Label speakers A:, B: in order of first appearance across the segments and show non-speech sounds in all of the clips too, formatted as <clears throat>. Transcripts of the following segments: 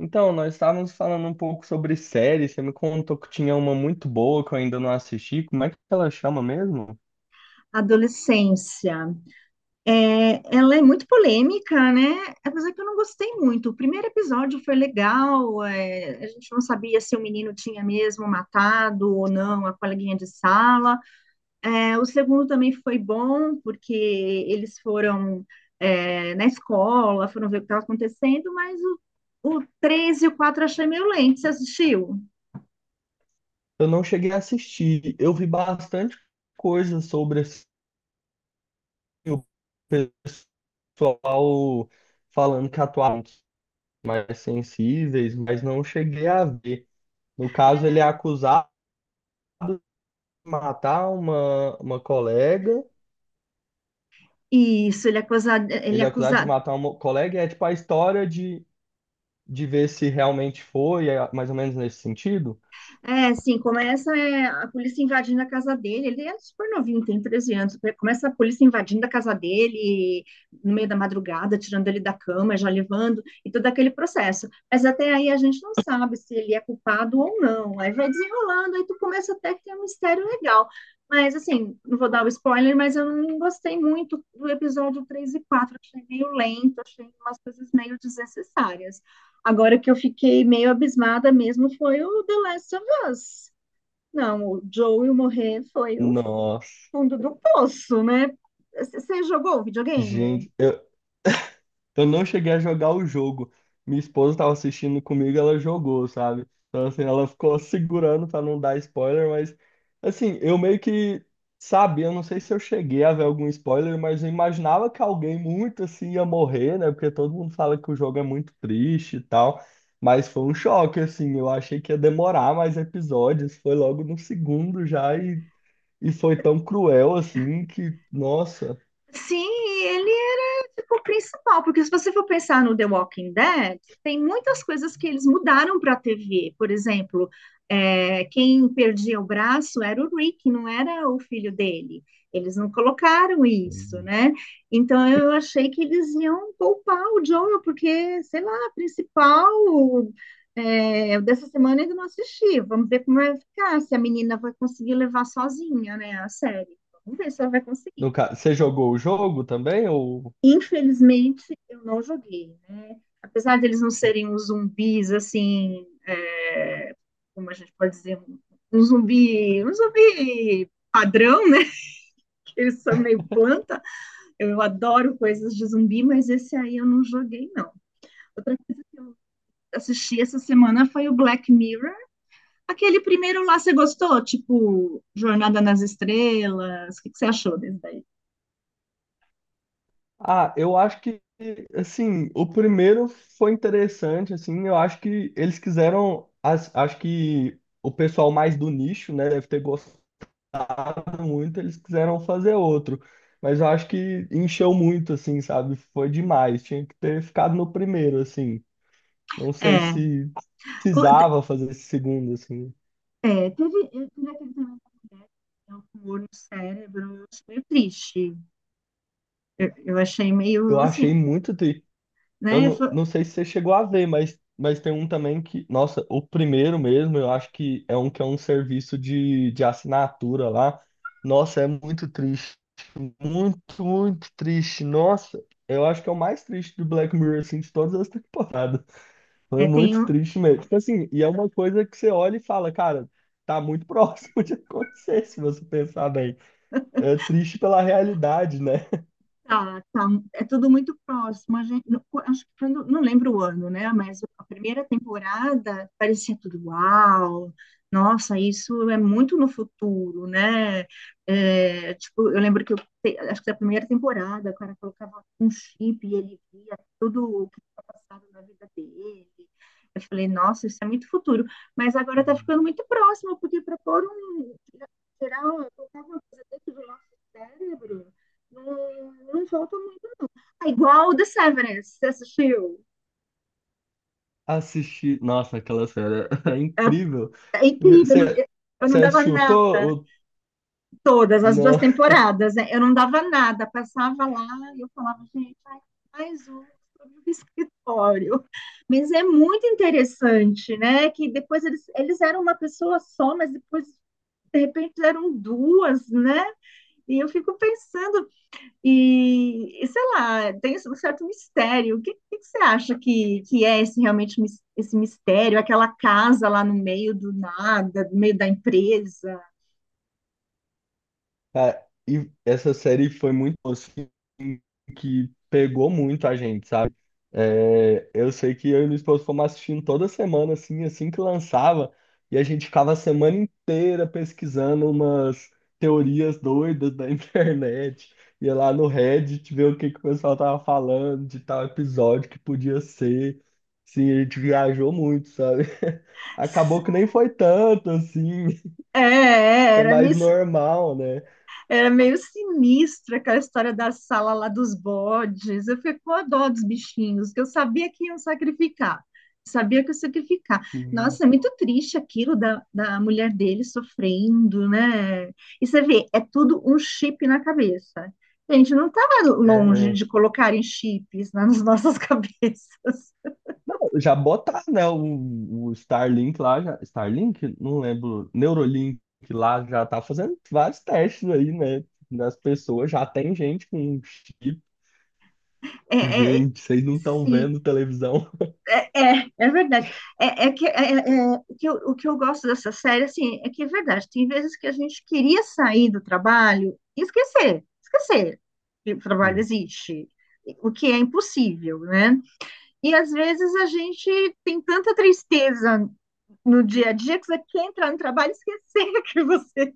A: Então, nós estávamos falando um pouco sobre séries. Você me contou que tinha uma muito boa que eu ainda não assisti. Como é que ela chama mesmo?
B: Adolescência. Ela é muito polêmica, né? Apesar que eu não gostei muito. O primeiro episódio foi legal, a gente não sabia se o menino tinha mesmo matado ou não a coleguinha de sala. É, o segundo também foi bom, porque eles foram na escola, foram ver o que estava acontecendo, mas o 3 e o 4 achei meio lento, você assistiu?
A: Eu não cheguei a assistir. Eu vi bastante coisa sobre assim, o pessoal falando que atuaram mais sensíveis, mas não cheguei a ver. No caso, ele é acusado de matar uma colega.
B: Isso, ele é acusado,
A: Ele é acusado de matar uma colega e é tipo a história de ver se realmente foi, é mais ou menos nesse sentido.
B: É, sim, começa a polícia invadindo a casa dele. Ele é super novinho, tem 13 anos, né? Começa a polícia invadindo a casa dele no meio da madrugada, tirando ele da cama, já levando, e todo aquele processo. Mas até aí a gente não sabe se ele é culpado ou não. Aí vai desenrolando, aí tu começa, até que tem um mistério legal. Mas, assim, não vou dar o spoiler, mas eu não gostei muito do episódio 3 e 4. Achei meio lento, achei umas coisas meio desnecessárias. Agora que eu fiquei meio abismada mesmo foi o The Last, mas, não, o Joel morrer foi o
A: Nossa,
B: fundo do poço, né? Você jogou videogame?
A: gente, eu não cheguei a jogar o jogo. Minha esposa estava assistindo comigo, ela jogou, sabe? Então, assim, ela ficou segurando para não dar spoiler, mas, assim, eu meio que sabia, eu não sei se eu cheguei a ver algum spoiler, mas eu imaginava que alguém muito assim ia morrer, né? Porque todo mundo fala que o jogo é muito triste e tal. Mas foi um choque, assim, eu achei que ia demorar mais episódios, foi logo no segundo já e foi tão cruel, assim, que, nossa.
B: Sim, ele era tipo o principal, porque se você for pensar no The Walking Dead, tem muitas coisas que eles mudaram para a TV. Por exemplo, quem perdia o braço era o Rick, não era o filho dele. Eles não colocaram isso, né? Então eu achei que eles iam poupar o Joel, porque, sei lá, a principal dessa semana eu ainda não assisti. Vamos ver como vai ficar, se a menina vai conseguir levar sozinha, né, a série. Vamos ver se ela vai
A: No
B: conseguir.
A: ca- Você jogou o jogo também? Ou...
B: Infelizmente, eu não joguei, né? Apesar de eles não serem os zumbis, assim, como a gente pode dizer, um zumbi padrão, né? Que eles são meio planta. Eu adoro coisas de zumbi, mas esse aí eu não joguei, não. Outra coisa que eu assisti essa semana foi o Black Mirror. Aquele primeiro lá, você gostou? Tipo, Jornada nas Estrelas? O que, que você achou desse daí?
A: Ah, eu acho que, assim, o primeiro foi interessante, assim, eu acho que eles quiseram, as- acho que o pessoal mais do nicho, né, deve ter gostado muito, eles quiseram fazer outro, mas eu acho que encheu muito, assim, sabe? Foi demais, tinha que ter ficado no primeiro, assim, não sei
B: É,
A: se precisava fazer esse segundo, assim.
B: é, teve, eu tive aquele também da mulher que tem um tumor no cérebro, eu achei meio triste. Eu achei
A: Eu
B: meio
A: achei
B: assim,
A: muito triste. Eu
B: né?
A: não, não sei se você chegou a ver, mas tem um também que, nossa, o primeiro mesmo, eu acho que é um serviço de assinatura lá. Nossa, é muito triste. Muito, muito triste. Nossa, eu acho que é o mais triste do Black Mirror, assim, de todas as temporadas. <laughs> Foi
B: É, tem
A: muito
B: um,
A: triste mesmo. Tipo assim, e é uma coisa que você olha e fala, cara, tá muito <laughs> próximo de acontecer, se você pensar bem. É triste pela realidade, né?
B: tá, tá. É tudo muito próximo. A gente, acho que quando, não lembro o ano, né? Mas a primeira temporada parecia tudo uau, nossa, isso é muito no futuro, né? É, tipo, eu lembro que eu, te- acho que da primeira temporada o cara colocava um chip e ele via tudo o que tinha passado na vida dele. Eu falei, nossa, isso é muito futuro. Mas agora tá ficando muito próximo, porque para tirar, colocar uma coisa dentro do nosso cérebro. Não, não volta muito, não. É igual o The Severance, você assistiu?
A: Assisti. Nossa, aquela série <laughs> é
B: É,
A: incrível.
B: é incrível,
A: Você,
B: eu
A: você
B: não dava
A: assistiu?
B: nada,
A: Tô, o-
B: todas as duas
A: Não,
B: temporadas, né? Eu não dava nada, passava lá e eu falava, gente, ai, mais um sobre o <laughs> escritório. Mas é muito interessante, né? Que depois eles eram uma pessoa só, mas depois, de repente, eram duas, né? E eu fico pensando, sei lá, tem um certo mistério. O que que você acha que é esse realmente esse mistério? Aquela casa lá no meio do nada, no meio da empresa?
A: <laughs> cara, e essa série foi muito boa, assim, que pegou muito a gente, sabe? É, eu sei que eu e minha esposa fomos assistindo toda semana, assim, assim que lançava, e a gente ficava a semana inteira pesquisando umas teorias doidas da <laughs> internet, ia lá no Reddit ver o que que o pessoal tava falando de tal episódio que podia ser. Sim, a gente viajou muito, sabe? <laughs> Acabou que nem foi tanto, assim,
B: É,
A: <laughs>
B: é,
A: foi
B: era
A: mais
B: mis-
A: normal, né?
B: Era meio sinistra aquela história da sala lá dos bodes. Eu fiquei com a dó dos bichinhos, que eu sabia que iam sacrificar. Sabia que ia sacrificar.
A: Uhum.
B: Nossa, é muito triste aquilo da mulher dele sofrendo, né? E você vê, é tudo um chip na cabeça. Gente, não estava
A: É.
B: longe
A: É.
B: de colocarem chips nas nossas <laughs> cabeças.
A: Não, já botar, né, o Starlink lá, já, Starlink? Não lembro, Neurolink lá já tá fazendo vários testes aí, né, das pessoas, já tem gente com chip,
B: É, é,
A: gente, vocês não estão
B: sim,
A: vendo televisão.
B: é, é verdade. É, é que, é- é- é, o que eu gosto dessa série, assim, é que é verdade. Tem vezes que a gente queria sair do trabalho e esquecer que o trabalho
A: Hum.
B: existe, o que é impossível, né? E às vezes a gente tem tanta tristeza no dia a dia que você quer entrar no trabalho e esquecer <laughs> que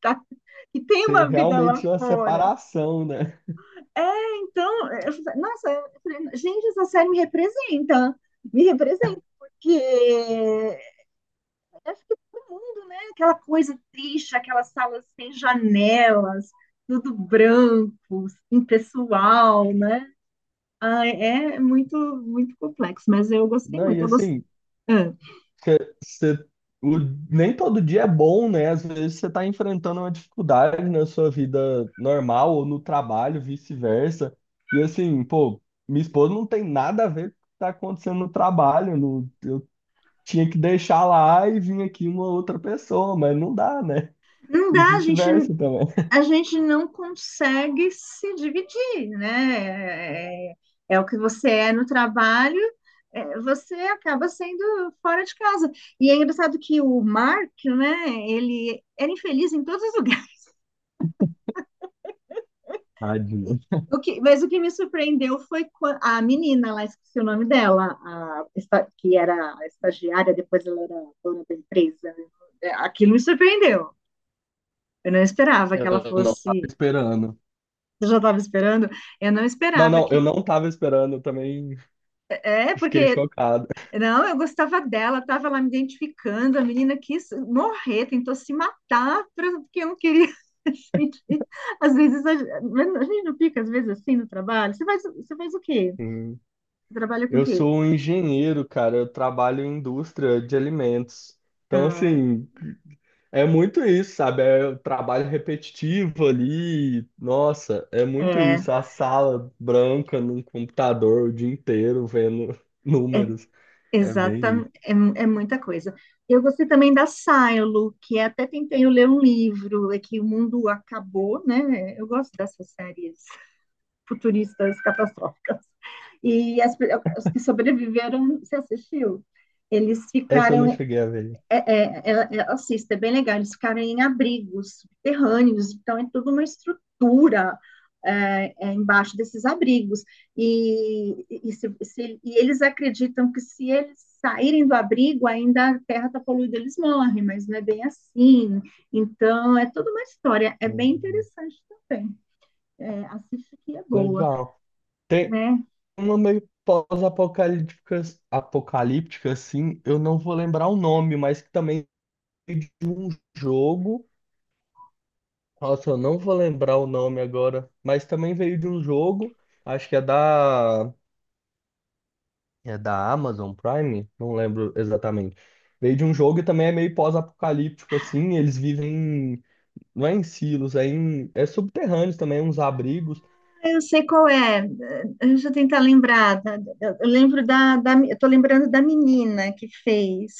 B: tá, que tem
A: Tem
B: uma vida lá
A: realmente uma
B: fora.
A: separação, né?
B: É, então, eu falei, nossa, eu falei, gente, essa série me representa porque acho que todo mundo, né? Aquela coisa triste, aquelas salas sem janelas, tudo branco, impessoal, né? Ah, é muito complexo, mas eu gostei
A: Não,
B: muito.
A: e
B: Eu gostei.
A: assim,
B: É.
A: porque você- o- nem todo dia é bom, né? Às vezes você está enfrentando uma dificuldade na sua vida normal ou no trabalho, vice-versa. E assim, pô, minha esposa não tem nada a ver com o que está acontecendo no trabalho. Não- eu tinha que deixar lá e vir aqui uma outra pessoa, mas não dá, né?
B: Não
A: E
B: dá,
A: vice-versa também. <laughs>
B: a gente não consegue se dividir, né? É, é o que você é no trabalho, é, você acaba sendo fora de casa. E é engraçado que o Mark, né? Ele era infeliz em todos os lugares.
A: Tadinho.
B: Mas o que me surpreendeu foi a menina lá, esqueci o nome dela, que era a estagiária, depois ela era dona da empresa, né? É, aquilo me surpreendeu. Eu não esperava que
A: Eu
B: ela
A: não estava
B: fosse.
A: esperando.
B: Você já estava esperando? Eu não
A: Não,
B: esperava
A: não, eu
B: que.
A: não estava esperando, eu também
B: É,
A: fiquei
B: porque.
A: chocado.
B: Não, eu gostava dela, estava lá me identificando. A menina quis morrer, tentou se matar, porque eu não queria. <laughs> Gente, às vezes a gente não fica, às vezes, assim no trabalho. Você faz o quê?
A: Sim.
B: Você trabalha com o
A: Eu
B: quê?
A: sou um engenheiro, cara. Eu trabalho em indústria de alimentos. Então,
B: Ah,
A: assim, é muito isso, sabe? É o trabalho repetitivo ali. Nossa, é muito
B: é,
A: isso. A sala branca num computador o dia inteiro vendo <laughs>
B: é
A: números. É bem isso.
B: exatamente, é, é muita coisa. Eu gostei também da Silo, que até tentei ler um livro, é que o mundo acabou, né? Eu gosto dessas séries futuristas catastróficas. E as, pe- os que sobreviveram, você assistiu? Eles
A: Essa eu não
B: ficaram
A: cheguei a ver.
B: assista, é bem legal. Eles ficaram em abrigos subterrâneos, então é toda uma estrutura embaixo desses abrigos. E eles acreditam que se eles saírem do abrigo, ainda a terra está poluída, eles morrem, mas não é bem assim. Então, é toda uma história, é bem
A: Uhum.
B: interessante também. É, assiste que é boa,
A: Legal. Tem
B: né?
A: uma meio pós-apocalíptica, apocalíptica, assim. Eu não vou lembrar o nome, mas que também é de um jogo. Nossa, eu não vou lembrar o nome agora, mas também veio de um jogo, acho que é da Amazon Prime, não lembro exatamente. Veio de um jogo e também é meio pós-apocalíptico, assim, eles vivem, em- não é em silos, é, em, é subterrâneos também, uns abrigos,
B: Eu sei qual é. Deixa eu tentar lembrar, tá? Eu lembro eu tô lembrando da menina que fez.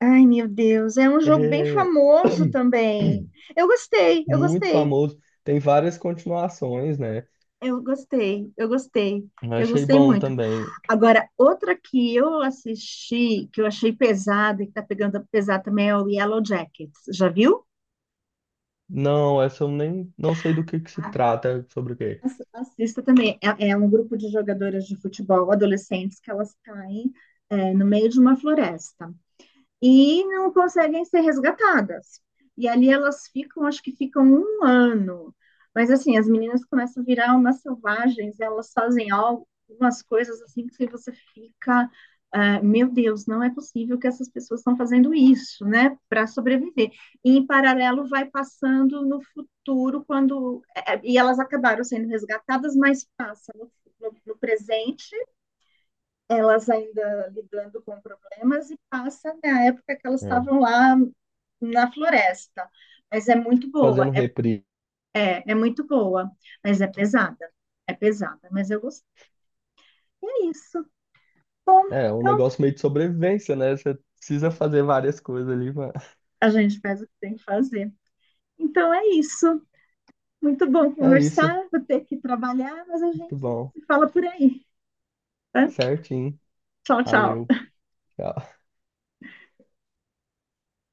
B: Ai, meu Deus, é um jogo bem
A: é
B: famoso também.
A: <clears throat>
B: Eu gostei, eu
A: muito
B: gostei,
A: famoso, tem várias continuações, né?
B: eu gostei, eu gostei,
A: Eu
B: eu
A: achei
B: gostei
A: bom
B: muito.
A: também.
B: Agora, outra que eu assisti, que eu achei pesada e que tá pegando pesado também é o Yellow Jackets. Já viu?
A: Não, essa eu nem, não sei do que se
B: Ah,
A: trata, sobre o quê.
B: assista também. É, é um grupo de jogadoras de futebol adolescentes que elas caem, é, no meio de uma floresta, e não conseguem ser resgatadas. E ali elas ficam, acho que ficam um ano. Mas assim, as meninas começam a virar umas selvagens, elas fazem algumas coisas assim que você fica, ah, meu Deus, não é possível que essas pessoas estão fazendo isso, né, para sobreviver. E em paralelo vai passando no futuro, e elas acabaram sendo resgatadas, mas passa no presente elas ainda lidando com problemas e passa na época que elas
A: É.
B: estavam lá na floresta. Mas é muito boa,
A: Fazendo reprise.
B: é muito boa, mas é pesada, mas eu gostei. É isso. Bom,
A: É, um
B: então
A: negócio meio de sobrevivência, né? Você precisa fazer várias coisas ali, mano.
B: a gente faz o que tem que fazer. Então é isso. Muito bom
A: É isso.
B: conversar, vou ter que trabalhar, mas a
A: Muito
B: gente
A: bom.
B: se fala por aí, tá?
A: Certinho.
B: Tchau,
A: Valeu.
B: tchau.
A: Tchau.